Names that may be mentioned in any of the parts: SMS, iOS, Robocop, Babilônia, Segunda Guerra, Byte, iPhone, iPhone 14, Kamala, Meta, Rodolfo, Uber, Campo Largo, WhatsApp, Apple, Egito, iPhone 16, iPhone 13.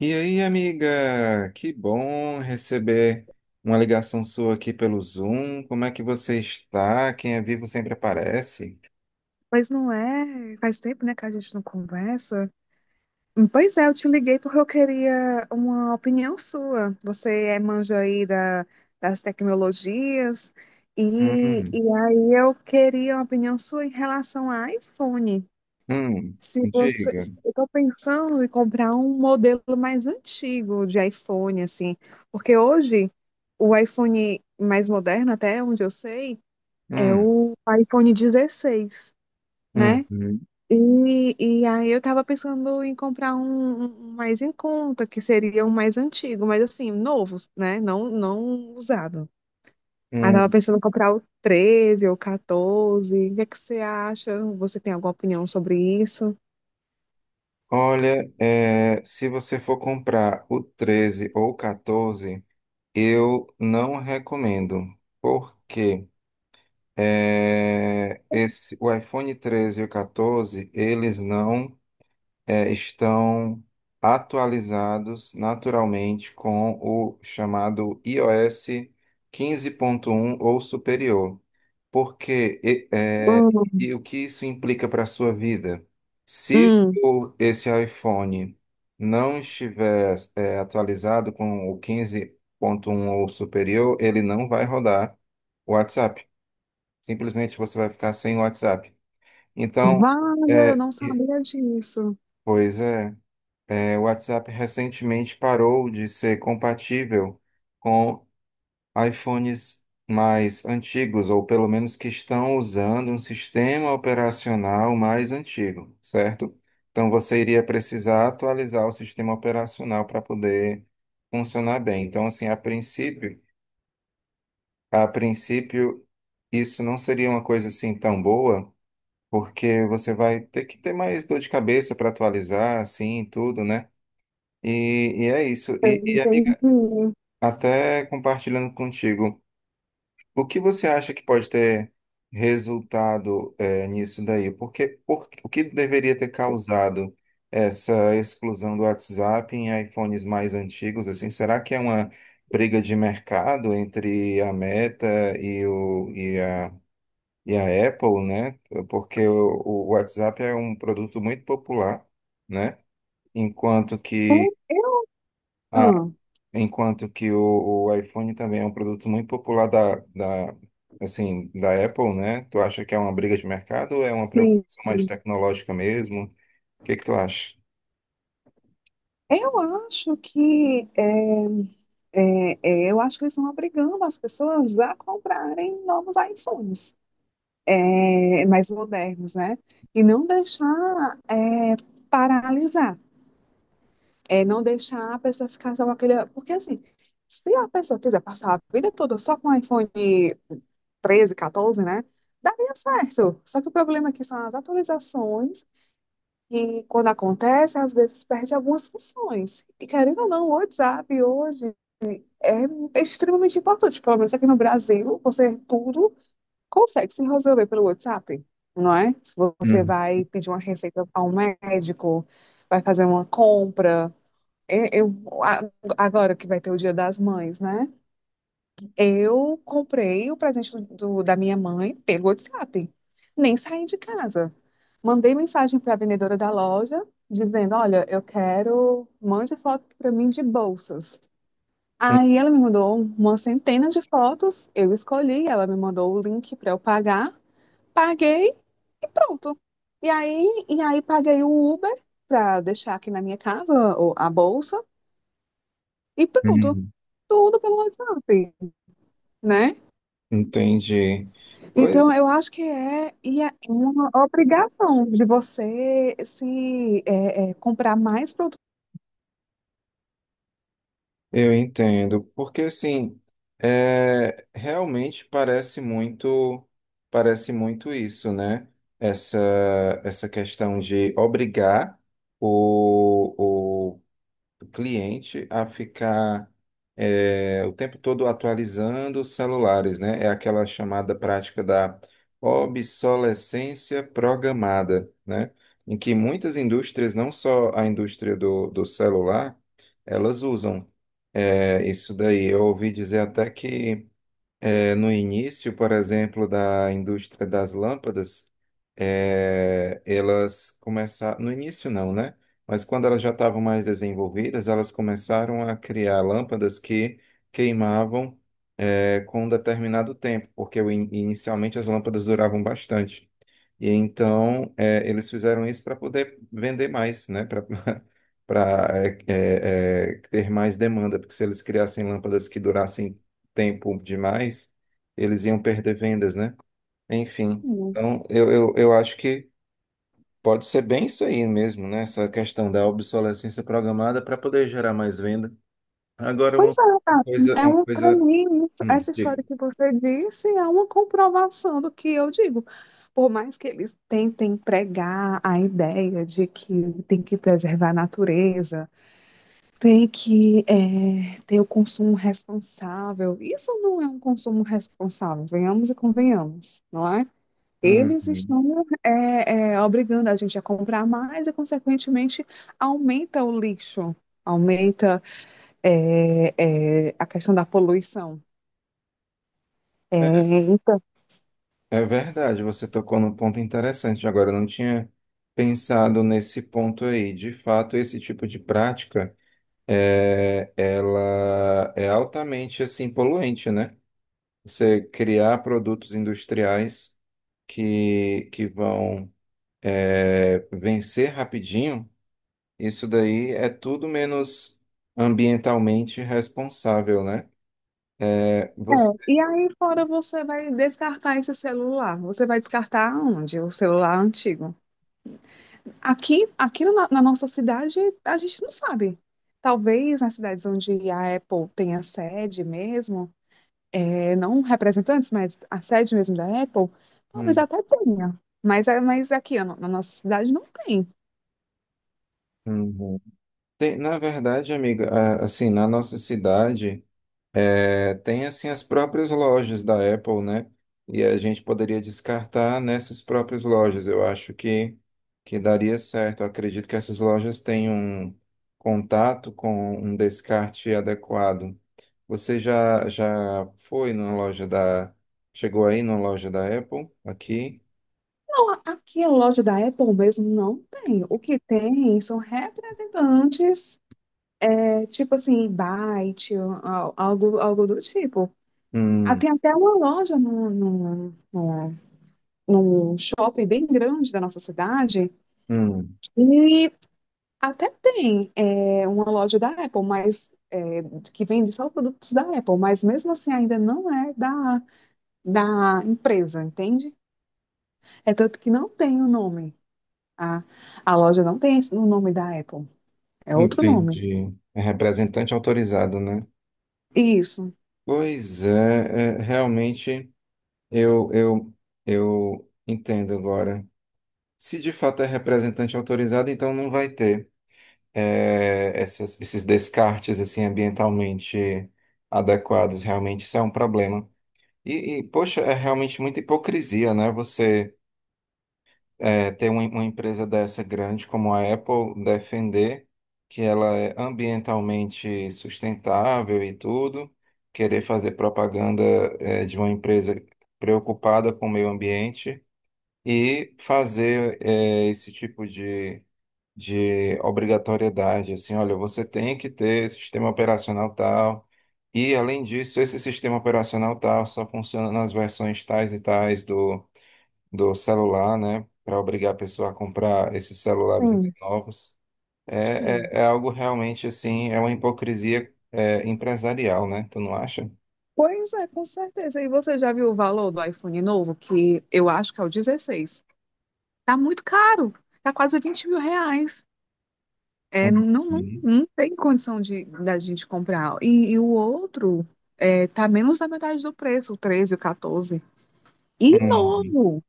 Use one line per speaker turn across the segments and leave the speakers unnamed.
E aí, amiga? Que bom receber uma ligação sua aqui pelo Zoom. Como é que você está? Quem é vivo sempre aparece.
Mas não é. Faz tempo, né, que a gente não conversa. Pois é, eu te liguei porque eu queria uma opinião sua. Você manja aí das tecnologias, e,
Hum,
e aí eu queria uma opinião sua em relação ao iPhone.
hum,
Se você,
diga.
se- Eu estou pensando em comprar um modelo mais antigo de iPhone, assim, porque hoje o iPhone mais moderno, até onde eu sei, é
Hum,
o iPhone 16,
hum,
né?
hum,
E aí eu tava pensando em comprar um mais em conta, que seria um mais antigo, mas assim, novo, né? Não, não usado. Aí tava
hum.
pensando em comprar o 13 ou 14. O que é que você acha? Você tem alguma opinião sobre isso?
Olha, é, se você for comprar o 13 ou o 14, eu não recomendo, porque o iPhone 13 e o 14 eles não, estão atualizados naturalmente com o chamado iOS 15.1 ou superior. Porque e, é,
Hum,
e o que isso implica para a sua vida? Se
Hum,
o, esse iPhone não estiver, atualizado com o 15.1 ou superior, ele não vai rodar o WhatsApp. Simplesmente você vai ficar sem o WhatsApp. Então,
Wanda, eu
é,
não
e-
sabia disso.
pois é. É, o WhatsApp recentemente parou de ser compatível com iPhones mais antigos, ou pelo menos que estão usando um sistema operacional mais antigo, certo? Então você iria precisar atualizar o sistema operacional para poder funcionar bem. Então, assim, a princípio, isso não seria uma coisa assim tão boa, porque você vai ter que ter mais dor de cabeça para atualizar, assim, e tudo, né? E é isso.
Eu
E, amiga,
entendi.
até compartilhando contigo, o que você acha que pode ter resultado nisso daí? Porque, o que deveria ter causado essa exclusão do WhatsApp em iPhones mais antigos? Assim, será que é uma briga de mercado entre a Meta e, o, e, a, e a Apple, né? Porque o WhatsApp é um produto muito popular, né? Enquanto que a
Ah.
Enquanto que o iPhone também é um produto muito popular assim, da Apple, né? Tu acha que é uma briga de mercado ou é uma
Sim.
preocupação mais tecnológica mesmo? O que que tu acha?
Eu acho que eles estão obrigando as pessoas a comprarem novos iPhones, mais modernos, né? E não deixar paralisar, não deixar a pessoa ficar só com aquele. Porque, assim, se a pessoa quiser passar a vida toda só com iPhone 13, 14, né? Daria certo. Só que o problema aqui são as atualizações, e quando acontece, às vezes perde algumas funções. E querendo ou não, o WhatsApp hoje é extremamente importante. Pelo menos aqui no Brasil, você tudo consegue se resolver pelo WhatsApp, não é? Se você
Uhum.
vai pedir uma receita a um médico, vai fazer uma compra. E- Eu, a- Agora que vai ter o Dia das Mães, né? Eu comprei o presente da minha mãe pelo WhatsApp. Nem saí de casa. Mandei mensagem para a vendedora da loja dizendo: Olha, eu quero, mande foto para mim de bolsas. Aí ela me mandou uma centena de fotos, eu escolhi, ela me mandou o link para eu pagar. Paguei e pronto. E aí, paguei o Uber para deixar aqui na minha casa a bolsa e pronto.
Uhum.
Tudo pelo WhatsApp, né?
Entendi. Pois
Então, eu acho que e é uma obrigação de você se comprar mais produtos.
eu entendo, porque assim, é, realmente parece muito isso, né? Essa, essa questão de obrigar o cliente a ficar o tempo todo atualizando os celulares, né? É aquela chamada prática da obsolescência programada, né? Em que muitas indústrias, não só a indústria do celular, elas usam. É, isso daí, eu ouvi dizer até que no início, por exemplo, da indústria das lâmpadas, elas começaram. No início, não, né? Mas quando elas já estavam mais desenvolvidas, elas começaram a criar lâmpadas que queimavam, com um determinado tempo, porque inicialmente as lâmpadas duravam bastante. E então, eles fizeram isso para poder vender mais, né? Para ter mais demanda, porque se eles criassem lâmpadas que durassem tempo demais, eles iam perder vendas, né? Enfim, então eu acho que pode ser bem isso aí mesmo, né? Essa questão da obsolescência programada para poder gerar mais venda. Agora,
Pois
uma
é, tá.
coisa, uma
Para
coisa.
mim, essa
Diga.
história que você disse é uma comprovação do que eu digo. Por mais que eles tentem pregar a ideia de que tem que preservar a natureza, tem que ter o consumo responsável. Isso não é um consumo responsável, venhamos e convenhamos, não é? Eles
Uhum.
estão obrigando a gente a comprar mais e, consequentemente, aumenta o lixo, aumenta eh, a questão da poluição. Eh, então,
É verdade, você tocou num ponto interessante. Agora, eu não tinha pensado nesse ponto aí. De fato, esse tipo de prática. Ela é altamente assim poluente, né? Você criar produtos industriais que vão vencer rapidinho, isso daí é tudo menos ambientalmente responsável, né? É,
é.
você...
E aí, fora, você vai descartar esse celular. Você vai descartar onde? O celular antigo. Aqui na nossa cidade, a gente não sabe. Talvez nas cidades onde a Apple tenha sede mesmo, não representantes, mas a sede mesmo da Apple, talvez
Hum,
até tenha. Mas é aqui na nossa cidade não tem.
hum. Tem, na verdade, amiga, assim, na nossa cidade tem assim as próprias lojas da Apple, né? E a gente poderia descartar nessas próprias lojas. Eu acho que daria certo. Eu acredito que essas lojas têm um contato com um descarte adequado. Você já foi numa loja da... Chegou aí numa loja da Apple, aqui?
Não, aqui a loja da Apple mesmo não tem. O que tem são representantes, tipo assim, Byte, ó, ó, algo, algo do tipo. Ah,
Hum,
tem até uma loja num shopping bem grande da nossa cidade.
hum,
E até tem uma loja da Apple, mas que vende só produtos da Apple, mas mesmo assim ainda não é da empresa, entende? É tanto que não tem o nome. A, a loja não tem o nome da Apple, é outro nome.
entendi. É representante autorizado, né?
Isso.
Pois é, é realmente... Eu, eu, eu entendo agora. Se de fato é representante autorizado, então não vai ter esses descartes assim ambientalmente adequados. Realmente isso é um problema. E, poxa, é realmente muita hipocrisia, né? Você ter uma empresa dessa grande como a Apple defender que ela é ambientalmente sustentável e tudo, querer fazer propaganda de uma empresa preocupada com o meio ambiente e fazer esse tipo de obrigatoriedade, assim, olha, você tem que ter sistema operacional tal, e além disso, esse sistema operacional tal só funciona nas versões tais e tais do celular, né, para obrigar a pessoa a comprar esses celulares mais
Sim.
novos.
Sim.
Algo realmente, assim, é uma hipocrisia empresarial, né, tu não acha?
Pois é, com certeza. E você já viu o valor do iPhone novo, que eu acho que é o 16? Tá muito caro, tá quase 20 mil reais.
Uhum.
Não, não, não tem condição de da gente comprar. E o outro tá menos da metade do preço, o 13, o 14. E
Uhum.
novo,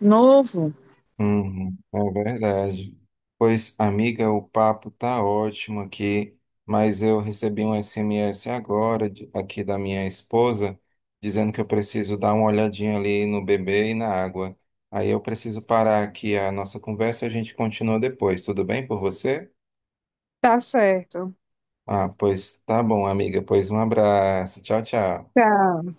novo.
Uhum, é verdade. Pois, amiga, o papo tá ótimo aqui, mas eu recebi um SMS agora aqui da minha esposa dizendo que eu preciso dar uma olhadinha ali no bebê e na água. Aí eu preciso parar aqui a nossa conversa, a gente continua depois. Tudo bem por você?
Tá certo.
Ah, pois tá bom, amiga. Pois um abraço. Tchau, tchau.
Tchau.